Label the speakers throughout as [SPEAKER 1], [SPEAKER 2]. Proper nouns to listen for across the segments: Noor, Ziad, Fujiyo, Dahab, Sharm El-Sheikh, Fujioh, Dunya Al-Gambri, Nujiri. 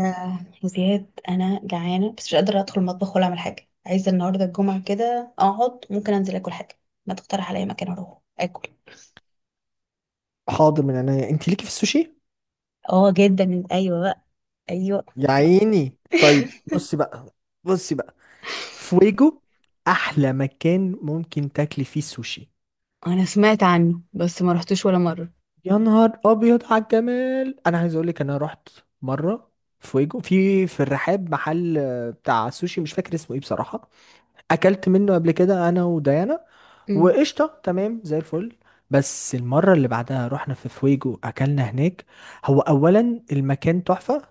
[SPEAKER 1] يا زياد، انا جعانه بس مش قادره ادخل المطبخ ولا اعمل حاجه. عايزه النهارده الجمعه كده اقعد، ممكن انزل اكل حاجه. ما تقترح عليا مكان اروح اكل؟
[SPEAKER 2] حاضر من عينيا. انت ليكي في السوشي؟
[SPEAKER 1] اه جدا، ايوه بقى. ايوه.
[SPEAKER 2] يا عيني طيب، بصي بقى. بصي بقى فويجو، احلى مكان ممكن تاكلي فيه سوشي.
[SPEAKER 1] انا سمعت عنه بس ما رحتوش ولا مره.
[SPEAKER 2] يا نهار ابيض على الجمال، انا عايز اقول لك انا رحت مره. فويجو في الرحاب، محل بتاع سوشي، مش فاكر اسمه ايه بصراحه. اكلت منه قبل كده انا وديانا،
[SPEAKER 1] امم.
[SPEAKER 2] وقشطه تمام زي الفل. بس المره اللي بعدها رحنا في فويجو، اكلنا هناك. هو اولا المكان تحفه،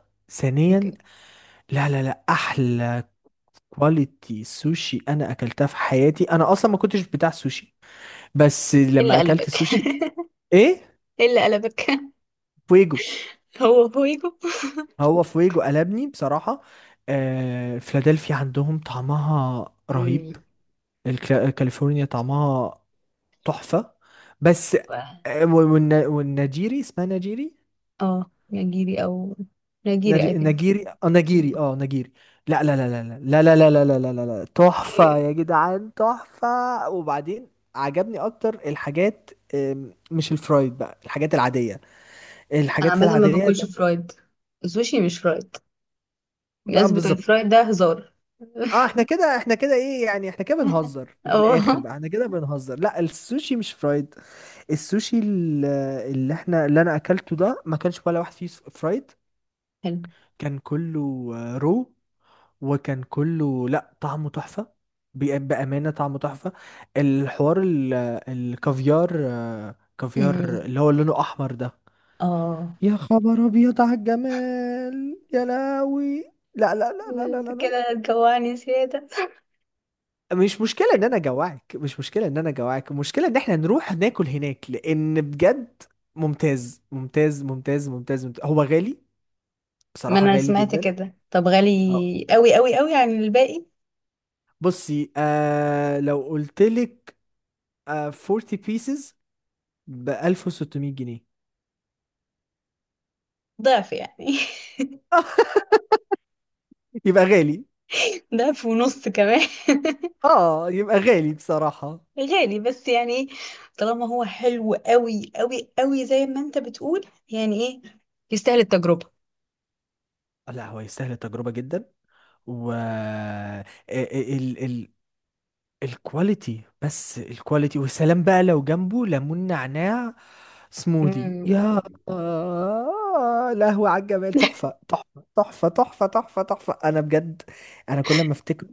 [SPEAKER 1] اوكي.
[SPEAKER 2] ثانيا، لا لا لا، احلى كواليتي سوشي انا اكلتها في حياتي. انا اصلا ما كنتش بتاع سوشي، بس
[SPEAKER 1] ايه اللي
[SPEAKER 2] لما اكلت
[SPEAKER 1] قلبك؟
[SPEAKER 2] سوشي. ايه؟
[SPEAKER 1] ايه اللي قلبك؟
[SPEAKER 2] فويجو.
[SPEAKER 1] هو هويجو؟
[SPEAKER 2] هو فويجو قلبني بصراحة. آه، فيلادلفيا عندهم طعمها رهيب.
[SPEAKER 1] امم.
[SPEAKER 2] كاليفورنيا طعمها تحفة. بس والنجيري، اسمها نجيري.
[SPEAKER 1] اه، نيجيري او نيجيري اي ثينك. أمم.
[SPEAKER 2] نجيري. لا لا لا لا لا لا لا لا لا لا لا لا لا، تحفة يا جدعان، تحفة. وبعدين عجبني اكتر الحاجات، مش الفرايد بقى، الحاجات العادية،
[SPEAKER 1] انا
[SPEAKER 2] الحاجات
[SPEAKER 1] عامه ما
[SPEAKER 2] العادية.
[SPEAKER 1] باكلش فرايد، السوشي مش فرايد،
[SPEAKER 2] بقى
[SPEAKER 1] الناس بتوع
[SPEAKER 2] بالظبط.
[SPEAKER 1] الفرايد ده هزار.
[SPEAKER 2] اه احنا كده، ايه يعني؟ احنا كده بنهزر من الاخر
[SPEAKER 1] اه.
[SPEAKER 2] بقى، احنا كده بنهزر. لا السوشي مش فرايد. السوشي ال- اللي احنا، اللي انا اكلته ده ما كانش ولا واحد فيه فرايد.
[SPEAKER 1] حلو.
[SPEAKER 2] كان كله آه، رو وكان كله، لا طعمه تحفة. بأمانة طعمه تحفة. الحوار ال- الكافيار، كافيار
[SPEAKER 1] أمم.
[SPEAKER 2] اللي هو لونه أحمر ده.
[SPEAKER 1] اه،
[SPEAKER 2] يا خبر أبيض على الجمال، يا لهوي، لا لا لا لا لا
[SPEAKER 1] انت
[SPEAKER 2] لا لا.
[SPEAKER 1] كده هتجوعني زيادة.
[SPEAKER 2] مش مشكلة إن أنا جوعك، مش مشكلة إن أنا جوعك، المشكلة إن إحنا نروح ناكل هناك، لأن بجد ممتاز ممتاز ممتاز ممتاز، ممتاز. هو غالي
[SPEAKER 1] ما
[SPEAKER 2] بصراحة،
[SPEAKER 1] انا
[SPEAKER 2] غالي
[SPEAKER 1] سمعت
[SPEAKER 2] جدا.
[SPEAKER 1] كده، طب
[SPEAKER 2] أه.
[SPEAKER 1] غالي قوي قوي قوي عن الباقي؟
[SPEAKER 2] بصي، آه لو قلت لك، آه 40 pieces ب 1600 جنيه.
[SPEAKER 1] ضعف يعني.
[SPEAKER 2] يبقى غالي.
[SPEAKER 1] ضعف ونص كمان.
[SPEAKER 2] اه يبقى غالي بصراحة.
[SPEAKER 1] غالي بس يعني ايه، طالما هو حلو قوي قوي قوي زي ما انت بتقول، يعني ايه، يستاهل التجربة.
[SPEAKER 2] لا هو يستاهل التجربة جدا. و ال ال الكواليتي، بس الكواليتي والسلام بقى. لو جنبه ليمون نعناع سموذي،
[SPEAKER 1] أمم.
[SPEAKER 2] يا لهوي على الجمال، تحفة تحفة تحفة تحفة تحفة تحفة. أنا بجد، أنا كل ما أفتكر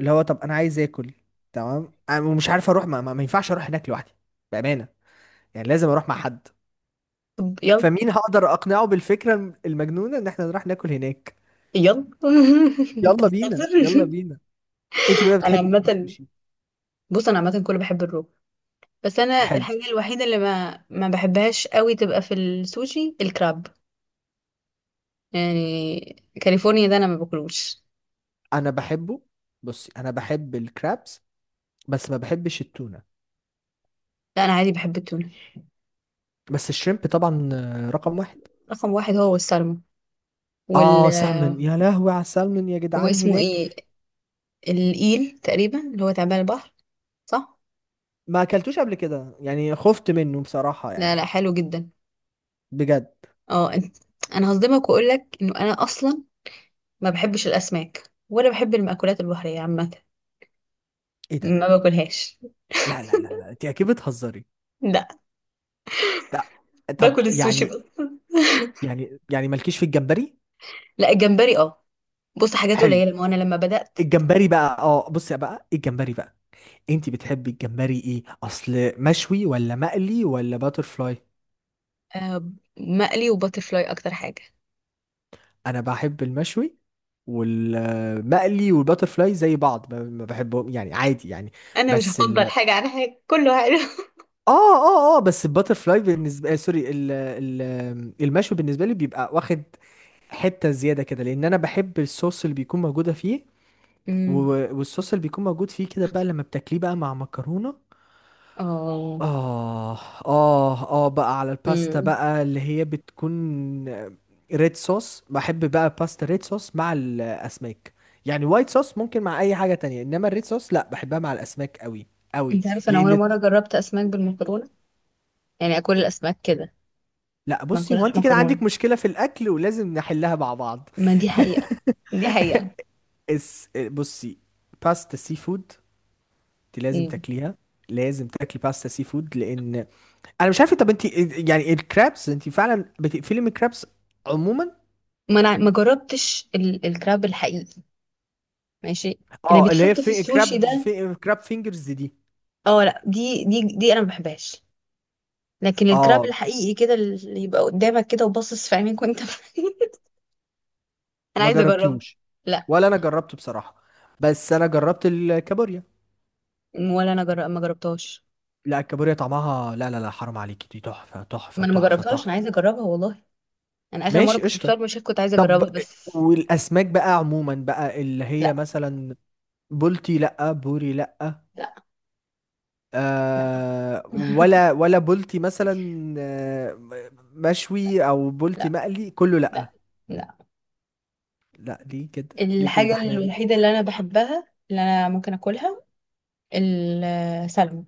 [SPEAKER 2] اللي هو، طب أنا عايز آكل. تمام، أنا مش عارف أروح، ما ينفعش أروح هناك لوحدي بأمانة. يعني لازم أروح مع حد.
[SPEAKER 1] طب يلا.
[SPEAKER 2] فمين هقدر اقنعه بالفكره المجنونه ان احنا نروح ناكل هناك.
[SPEAKER 1] يلا. انت
[SPEAKER 2] يلا بينا، يلا
[SPEAKER 1] بتهزر؟
[SPEAKER 2] بينا. انت بقى
[SPEAKER 1] انا
[SPEAKER 2] بتحبي ايه في
[SPEAKER 1] عامة،
[SPEAKER 2] السوشي؟
[SPEAKER 1] بص انا عامة كله بحب الرو، بس انا
[SPEAKER 2] حلو.
[SPEAKER 1] الحاجه الوحيده اللي ما بحبهاش قوي تبقى في السوشي الكراب، يعني. كاليفورنيا ده انا ما باكلوش.
[SPEAKER 2] انا بحبه. بصي انا بحب الكرابس، بس ما بحبش التونه.
[SPEAKER 1] لا انا عادي بحب التونه.
[SPEAKER 2] بس الشrimب طبعا، رقم واحد.
[SPEAKER 1] رقم واحد هو السلمون وال
[SPEAKER 2] اه سالمون، يا لهوي على السالمون يا جدعان
[SPEAKER 1] واسمه
[SPEAKER 2] هناك.
[SPEAKER 1] ايه؟ الإيل تقريبا، اللي هو تعبان البحر، صح؟
[SPEAKER 2] ما اكلتوش قبل كده يعني، خفت منه بصراحه
[SPEAKER 1] لا
[SPEAKER 2] يعني.
[SPEAKER 1] لا، حلو جدا.
[SPEAKER 2] بجد.
[SPEAKER 1] اه انت، انا هصدمك واقول لك انه انا اصلا ما بحبش الاسماك ولا بحب المأكولات البحريه عامه،
[SPEAKER 2] ايه ده؟
[SPEAKER 1] ما باكلهاش.
[SPEAKER 2] لا لا لا لا، انت اكيد بتهزري.
[SPEAKER 1] لا،
[SPEAKER 2] لا. طب
[SPEAKER 1] باكل السوشي
[SPEAKER 2] يعني،
[SPEAKER 1] بس.
[SPEAKER 2] يعني مالكيش في الجمبري؟
[SPEAKER 1] لا، الجمبري اه. بص، حاجات
[SPEAKER 2] حلو.
[SPEAKER 1] قليله، ما هو انا لما بدأت.
[SPEAKER 2] الجمبري بقى، اه بصي بقى، الجمبري بقى انتي بتحبي الجمبري ايه؟ اصل مشوي ولا مقلي ولا باترفلاي؟
[SPEAKER 1] آه، مقلي وباترفلاي اكتر حاجه.
[SPEAKER 2] انا بحب المشوي، والمقلي والباترفلاي زي بعض، ما بحبهم يعني، عادي يعني.
[SPEAKER 1] انا مش
[SPEAKER 2] بس
[SPEAKER 1] هفضل
[SPEAKER 2] ال
[SPEAKER 1] حاجه عن حاجه، كله حلو.
[SPEAKER 2] اه اه اه بس الباترفلاي بالنسبه، المشوي بالنسبه لي بيبقى واخد حته زياده كده، لان انا بحب الصوص اللي بيكون موجوده فيه.
[SPEAKER 1] امم.
[SPEAKER 2] والصوص اللي بيكون موجود فيه كده بقى، لما بتاكليه بقى مع مكرونه.
[SPEAKER 1] اه.
[SPEAKER 2] آه بقى على الباستا
[SPEAKER 1] امم.
[SPEAKER 2] بقى اللي هي بتكون ريد صوص. بحب بقى باستا ريد صوص مع الأسماك، يعني وايت صوص ممكن مع أي حاجة تانية، إنما الريد صوص لأ، بحبها مع الأسماك أوي أوي.
[SPEAKER 1] انت عارفه انا اول
[SPEAKER 2] لأن
[SPEAKER 1] مره جربت اسماك بالمكرونه؟ يعني اكل الاسماك كده،
[SPEAKER 2] لأ،
[SPEAKER 1] ما
[SPEAKER 2] بصي، هو
[SPEAKER 1] اكلهاش
[SPEAKER 2] أنت كده عندك
[SPEAKER 1] مكرونه.
[SPEAKER 2] مشكلة في الأكل ولازم نحلها مع بعض.
[SPEAKER 1] ما دي حقيقه، دي حقيقه.
[SPEAKER 2] بصي، باستا سي فود دي لازم
[SPEAKER 1] امم.
[SPEAKER 2] تاكليها. لازم تاكلي باستا سي فود، لأن أنا مش عارفة. طب أنت يعني، الكرابس أنت فعلا بتقفلي من الكرابس عموما؟
[SPEAKER 1] ما انا ما جربتش الكراب الحقيقي. ماشي، اللي
[SPEAKER 2] اه اللي هي
[SPEAKER 1] بيتحط في
[SPEAKER 2] في
[SPEAKER 1] السوشي
[SPEAKER 2] كراب،
[SPEAKER 1] ده؟
[SPEAKER 2] كراب فينجرز دي.
[SPEAKER 1] اه لا، دي انا ما بحبهاش. لكن الكراب
[SPEAKER 2] اه،
[SPEAKER 1] الحقيقي كده، اللي يبقى قدامك كده وباصص في عينيك، وانت انا
[SPEAKER 2] ما
[SPEAKER 1] عايزه اجربه.
[SPEAKER 2] جربتوش.
[SPEAKER 1] لا.
[SPEAKER 2] ولا انا جربته بصراحة، بس انا جربت الكابوريا.
[SPEAKER 1] ما جربتهاش.
[SPEAKER 2] لا الكابوريا طعمها، لا لا لا حرام عليكي، دي تحفة
[SPEAKER 1] ما
[SPEAKER 2] تحفة
[SPEAKER 1] انا ما
[SPEAKER 2] تحفة
[SPEAKER 1] جربتهاش، انا
[SPEAKER 2] تحفة.
[SPEAKER 1] عايزه اجربها والله. انا اخر مره
[SPEAKER 2] ماشي
[SPEAKER 1] كنت في
[SPEAKER 2] قشطة.
[SPEAKER 1] شرم الشيخ كنت عايزه
[SPEAKER 2] طب
[SPEAKER 1] اجربها بس.
[SPEAKER 2] والاسماك بقى عموما بقى، اللي هي
[SPEAKER 1] لا
[SPEAKER 2] مثلا بولتي لا، بوري لا،
[SPEAKER 1] لا لا.
[SPEAKER 2] آه ولا ولا بولتي مثلا، آه مشوي او بولتي
[SPEAKER 1] لا
[SPEAKER 2] مقلي، كله لا.
[SPEAKER 1] لا لا.
[SPEAKER 2] لا ليه كده؟ ليه كده؟ ده
[SPEAKER 1] الحاجه
[SPEAKER 2] احنا.
[SPEAKER 1] الوحيده اللي انا بحبها، اللي انا ممكن اكلها، السلمون.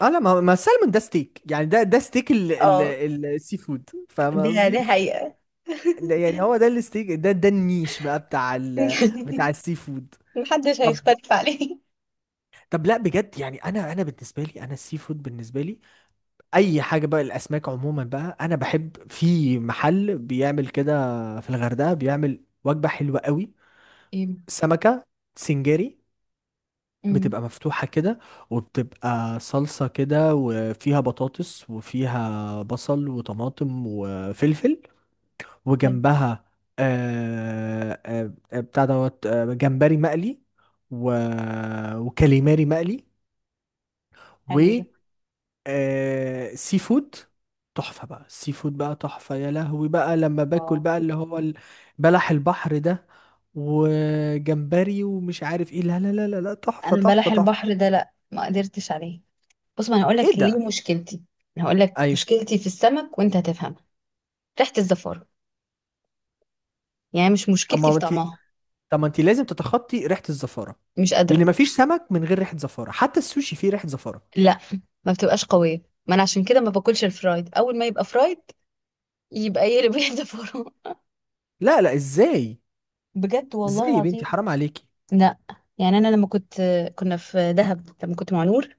[SPEAKER 2] اه لا ما ما السلمون ده ستيك يعني، ده ده ستيك ال ال
[SPEAKER 1] اه،
[SPEAKER 2] ال- السي فود، فاهم
[SPEAKER 1] ده
[SPEAKER 2] قصدي؟
[SPEAKER 1] ده حقيقه.
[SPEAKER 2] ده يعني هو ده الستيك، ده ده النيش بقى بتاع ال، بتاع السي فود.
[SPEAKER 1] محدش
[SPEAKER 2] طب
[SPEAKER 1] هيختلف عليه.
[SPEAKER 2] طب، لا بجد يعني، انا بالنسبه لي، انا السي فود بالنسبه لي اي حاجه بقى. الاسماك عموما بقى، انا بحب في محل بيعمل كده في الغردقه، بيعمل وجبه حلوه قوي.
[SPEAKER 1] ايه.
[SPEAKER 2] سمكه سنجاري،
[SPEAKER 1] امم.
[SPEAKER 2] بتبقى مفتوحة كده، وبتبقى صلصة كده وفيها بطاطس وفيها بصل وطماطم وفلفل،
[SPEAKER 1] حلو.
[SPEAKER 2] وجنبها بتاع دوت جمبري مقلي، و... وكاليماري مقلي، و
[SPEAKER 1] حلو ده.
[SPEAKER 2] آه سي فود. تحفة بقى، السي فود بقى تحفة. يا لهوي بقى لما باكل
[SPEAKER 1] اه.
[SPEAKER 2] بقى اللي هو بلح البحر ده، وجمبري ومش عارف ايه، لا لا لا لا لا تحفة
[SPEAKER 1] انا
[SPEAKER 2] تحفة
[SPEAKER 1] بلح
[SPEAKER 2] تحفة.
[SPEAKER 1] البحر ده لا، ما قدرتش عليه. بص، ما انا هقول
[SPEAKER 2] ايه
[SPEAKER 1] لك
[SPEAKER 2] ده؟
[SPEAKER 1] ليه مشكلتي. انا هقول لك
[SPEAKER 2] ايوه.
[SPEAKER 1] مشكلتي في السمك وانت هتفهم. ريحه الزفاره، يعني مش
[SPEAKER 2] طب
[SPEAKER 1] مشكلتي
[SPEAKER 2] ما
[SPEAKER 1] في
[SPEAKER 2] انت
[SPEAKER 1] طعمها.
[SPEAKER 2] طب ما انت لازم تتخطي ريحه الزفاره،
[SPEAKER 1] مش
[SPEAKER 2] لان
[SPEAKER 1] قادرة.
[SPEAKER 2] مفيش سمك من غير ريحه زفاره، حتى السوشي فيه ريحه زفاره.
[SPEAKER 1] لا، ما بتبقاش قوية. ما انا عشان كده ما باكلش الفرايد، اول ما يبقى فرايد يبقى يقلب واحدة فورمة.
[SPEAKER 2] لا لا، ازاي؟
[SPEAKER 1] بجد والله
[SPEAKER 2] ازاي يا بنتي
[SPEAKER 1] العظيم.
[SPEAKER 2] حرام عليكي.
[SPEAKER 1] لا. يعني انا لما كنت، كنا في دهب لما كنت مع نور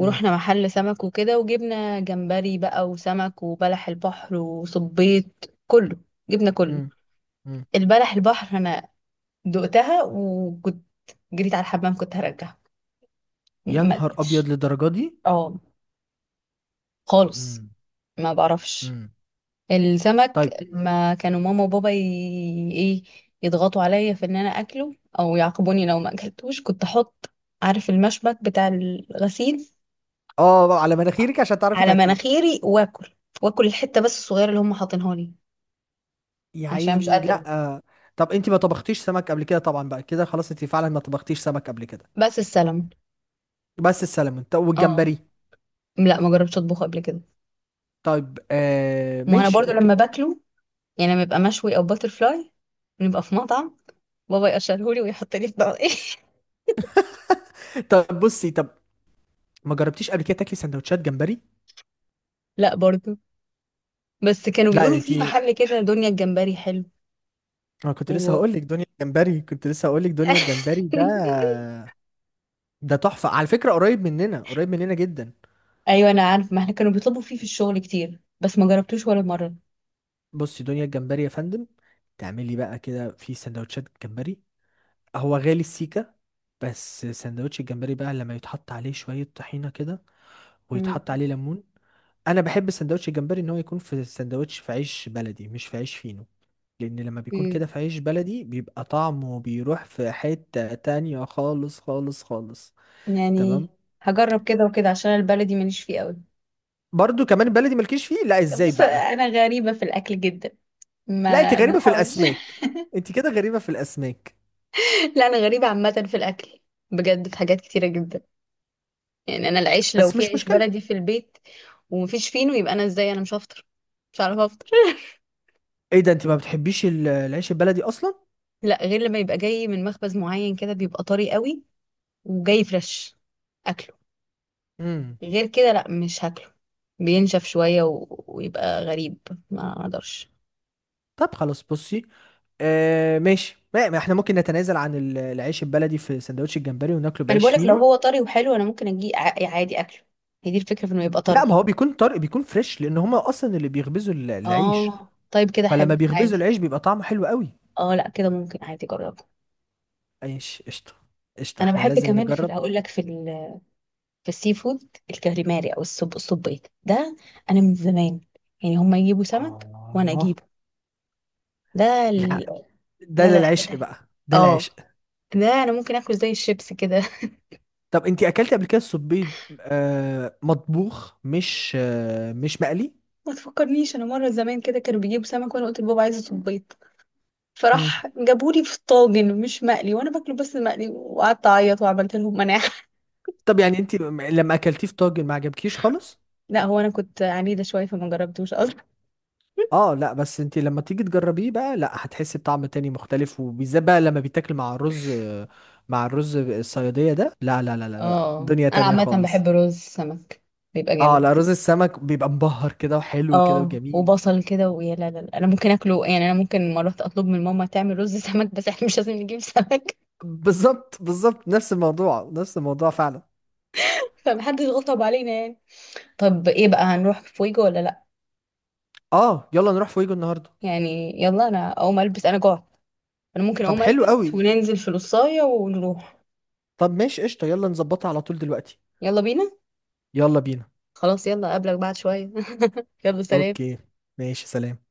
[SPEAKER 2] مم.
[SPEAKER 1] محل سمك وكده، وجبنا جمبري بقى وسمك وبلح البحر وصبيط، كله، جبنا كله.
[SPEAKER 2] مم. مم.
[SPEAKER 1] البلح البحر انا دقتها وكنت جريت على الحمام، كنت هرجعها،
[SPEAKER 2] يا
[SPEAKER 1] ما
[SPEAKER 2] نهار ابيض،
[SPEAKER 1] قدرتش.
[SPEAKER 2] للدرجه دي؟
[SPEAKER 1] اه، خالص.
[SPEAKER 2] مم.
[SPEAKER 1] ما بعرفش.
[SPEAKER 2] مم.
[SPEAKER 1] السمك
[SPEAKER 2] طيب.
[SPEAKER 1] لما كانوا ماما وبابا ايه، يضغطوا عليا في ان انا اكله او يعاقبوني لو ما اكلتوش، كنت احط، عارف المشبك بتاع الغسيل؟
[SPEAKER 2] اه بقى على مناخيرك عشان تعرفي
[SPEAKER 1] على
[SPEAKER 2] تاكلي.
[SPEAKER 1] مناخيري واكل، واكل الحته بس الصغيره اللي هم حاطينها لي،
[SPEAKER 2] يا
[SPEAKER 1] عشان مش
[SPEAKER 2] عيني
[SPEAKER 1] قادره.
[SPEAKER 2] لا. طب انت ما طبختيش سمك قبل كده طبعا بقى كده، خلاص انت فعلا ما طبختيش سمك قبل كده.
[SPEAKER 1] بس السلمون.
[SPEAKER 2] بس السلمون؟ طب
[SPEAKER 1] اه
[SPEAKER 2] والجمبري؟
[SPEAKER 1] لا، ما جربتش اطبخه قبل كده.
[SPEAKER 2] طيب آه
[SPEAKER 1] ما انا
[SPEAKER 2] ماشي
[SPEAKER 1] برضو لما
[SPEAKER 2] اوكي.
[SPEAKER 1] باكله يعني، لما يبقى مشوي او باتر فلاي، نبقى في مطعم، بابا يقشرهولي ويحط لي في بقى.
[SPEAKER 2] طب بصي، طب ما جربتيش قبل كده تاكلي سندوتشات جمبري؟
[SPEAKER 1] لا برضو. بس كانوا
[SPEAKER 2] لا
[SPEAKER 1] بيقولوا
[SPEAKER 2] انت،
[SPEAKER 1] في محل كده، دنيا الجمبري، حلو.
[SPEAKER 2] انا كنت لسه
[SPEAKER 1] و...
[SPEAKER 2] هقول لك دنيا الجمبري، كنت لسه هقول لك دنيا الجمبري ده، ده تحفه على فكره، قريب مننا، قريب مننا جدا.
[SPEAKER 1] ايوه انا عارفه، ما احنا كانوا بيطلبوا فيه في الشغل كتير بس ما جربتوش ولا مره.
[SPEAKER 2] بصي دنيا الجمبري يا فندم، تعملي بقى كده في سندوتشات جمبري. هو غالي السيكه، بس سندوتش الجمبري بقى لما يتحط عليه شويه طحينه كده،
[SPEAKER 1] مم.
[SPEAKER 2] ويتحط عليه ليمون. انا بحب سندوتش الجمبري ان هو يكون في سندوتش في عيش بلدي، مش في عيش فينو. لان لما بيكون كده
[SPEAKER 1] مم.
[SPEAKER 2] في عيش بلدي بيبقى طعمه بيروح في حتة تانية، خالص خالص خالص. تمام.
[SPEAKER 1] يعني هجرب كده وكده، عشان البلدي ماليش فيه قوي.
[SPEAKER 2] برضو كمان بلدي مالكيش فيه؟ لا ازاي
[SPEAKER 1] بص،
[SPEAKER 2] بقى؟
[SPEAKER 1] انا غريبه في الاكل جدا،
[SPEAKER 2] لا انت
[SPEAKER 1] ما
[SPEAKER 2] غريبة في
[SPEAKER 1] تحاولش.
[SPEAKER 2] الاسماك، انت كده غريبة في الاسماك.
[SPEAKER 1] لا انا غريبه عامه في الاكل، بجد في حاجات كتيره جدا. يعني انا العيش لو
[SPEAKER 2] بس
[SPEAKER 1] في
[SPEAKER 2] مش
[SPEAKER 1] عيش
[SPEAKER 2] مشكلة.
[SPEAKER 1] بلدي في البيت ومفيش فينو، يبقى انا ازاي، انا مش هفطر، مش عارفه افطر.
[SPEAKER 2] ايه ده؟ انت ما بتحبيش العيش البلدي اصلا؟
[SPEAKER 1] لا، غير لما يبقى جاي من مخبز معين كده بيبقى طري قوي وجاي فريش، اكله.
[SPEAKER 2] امم.
[SPEAKER 1] غير كده لا، مش هاكله، بينشف شوية ويبقى غريب، ما اقدرش.
[SPEAKER 2] طب خلاص بصي، آه ماشي، ما ما احنا ممكن نتنازل عن العيش البلدي في سندوتش الجمبري، وناكله
[SPEAKER 1] ما انا
[SPEAKER 2] بعيش
[SPEAKER 1] بقولك لو
[SPEAKER 2] فينو.
[SPEAKER 1] هو طري وحلو انا ممكن اجي عادي اكله. هي دي الفكرة، في انه يبقى
[SPEAKER 2] لا ما
[SPEAKER 1] طري.
[SPEAKER 2] هو بيكون طري، بيكون فريش، لان هما اصلا اللي بيخبزوا العيش.
[SPEAKER 1] اه طيب كده
[SPEAKER 2] فلما
[SPEAKER 1] حلو،
[SPEAKER 2] بيخبزوا
[SPEAKER 1] عادي.
[SPEAKER 2] العيش بيبقى طعمه حلو قوي.
[SPEAKER 1] اه لا كده ممكن، عادي، جربه.
[SPEAKER 2] ايش قشطة، قشطة،
[SPEAKER 1] انا
[SPEAKER 2] احنا
[SPEAKER 1] بحب
[SPEAKER 2] لازم
[SPEAKER 1] كمان، في
[SPEAKER 2] نجرب.
[SPEAKER 1] هقول لك، في السي فود، الكاليماري او الصبيط ده، انا من زمان، يعني هما يجيبوا سمك وانا
[SPEAKER 2] اه
[SPEAKER 1] اجيبه ده
[SPEAKER 2] لا
[SPEAKER 1] ال...
[SPEAKER 2] ده
[SPEAKER 1] لا لا، حاجة
[SPEAKER 2] العشق
[SPEAKER 1] تانية.
[SPEAKER 2] بقى، ده
[SPEAKER 1] اه،
[SPEAKER 2] العشق.
[SPEAKER 1] ده انا ممكن اكل زي الشيبس كده.
[SPEAKER 2] طب انت اكلتي قبل كده السبيط مطبوخ، مش مش مقلي؟
[SPEAKER 1] ما تفكرنيش، انا مره زمان كده كانوا بيجيبوا سمك وانا قلت لبابا عايزه صبيط،
[SPEAKER 2] مم.
[SPEAKER 1] فراح جابولي في طاجن مش مقلي، وانا باكله بس مقلي، وقعدت اعيط وعملت لهم مناعه.
[SPEAKER 2] طب يعني، انت لما اكلتيه في طاجن ما عجبكيش خالص؟
[SPEAKER 1] لا هو انا كنت عنيده شويه فما جربتوش اصلا.
[SPEAKER 2] اه لا، بس انت لما تيجي تجربيه بقى لا هتحسي بطعم تاني مختلف، وبالذات بقى لما بيتاكل مع الرز، مع الرز الصيادية ده، لا لا لا لا لا،
[SPEAKER 1] اه
[SPEAKER 2] دنيا
[SPEAKER 1] انا
[SPEAKER 2] تانية
[SPEAKER 1] عامه
[SPEAKER 2] خالص.
[SPEAKER 1] بحب رز السمك، بيبقى
[SPEAKER 2] اه لا
[SPEAKER 1] جامد.
[SPEAKER 2] رز السمك بيبقى مبهر كده وحلو كده
[SPEAKER 1] اه
[SPEAKER 2] وجميل.
[SPEAKER 1] وبصل كده ويا لا لا لا. انا ممكن اكله يعني، انا ممكن مرات اطلب من ماما تعمل رز سمك بس احنا مش لازم نجيب سمك.
[SPEAKER 2] بالظبط بالظبط، نفس الموضوع، نفس الموضوع فعلا.
[SPEAKER 1] فمحدش غصب علينا يعني. طب ايه بقى، هنروح فويجو ولا لا؟
[SPEAKER 2] اه يلا نروح فويجو النهارده.
[SPEAKER 1] يعني يلا، انا اقوم البس، انا جوعت. انا ممكن
[SPEAKER 2] طب
[SPEAKER 1] اقوم
[SPEAKER 2] حلو
[SPEAKER 1] البس
[SPEAKER 2] قوي.
[SPEAKER 1] وننزل في القصاية ونروح.
[SPEAKER 2] طب ماشي قشطة، يلا نظبطها على طول دلوقتي.
[SPEAKER 1] يلا بينا.
[SPEAKER 2] يلا بينا.
[SPEAKER 1] خلاص يلا، اقابلك بعد شوية. يلا سلام.
[SPEAKER 2] اوكي. ماشي سلام.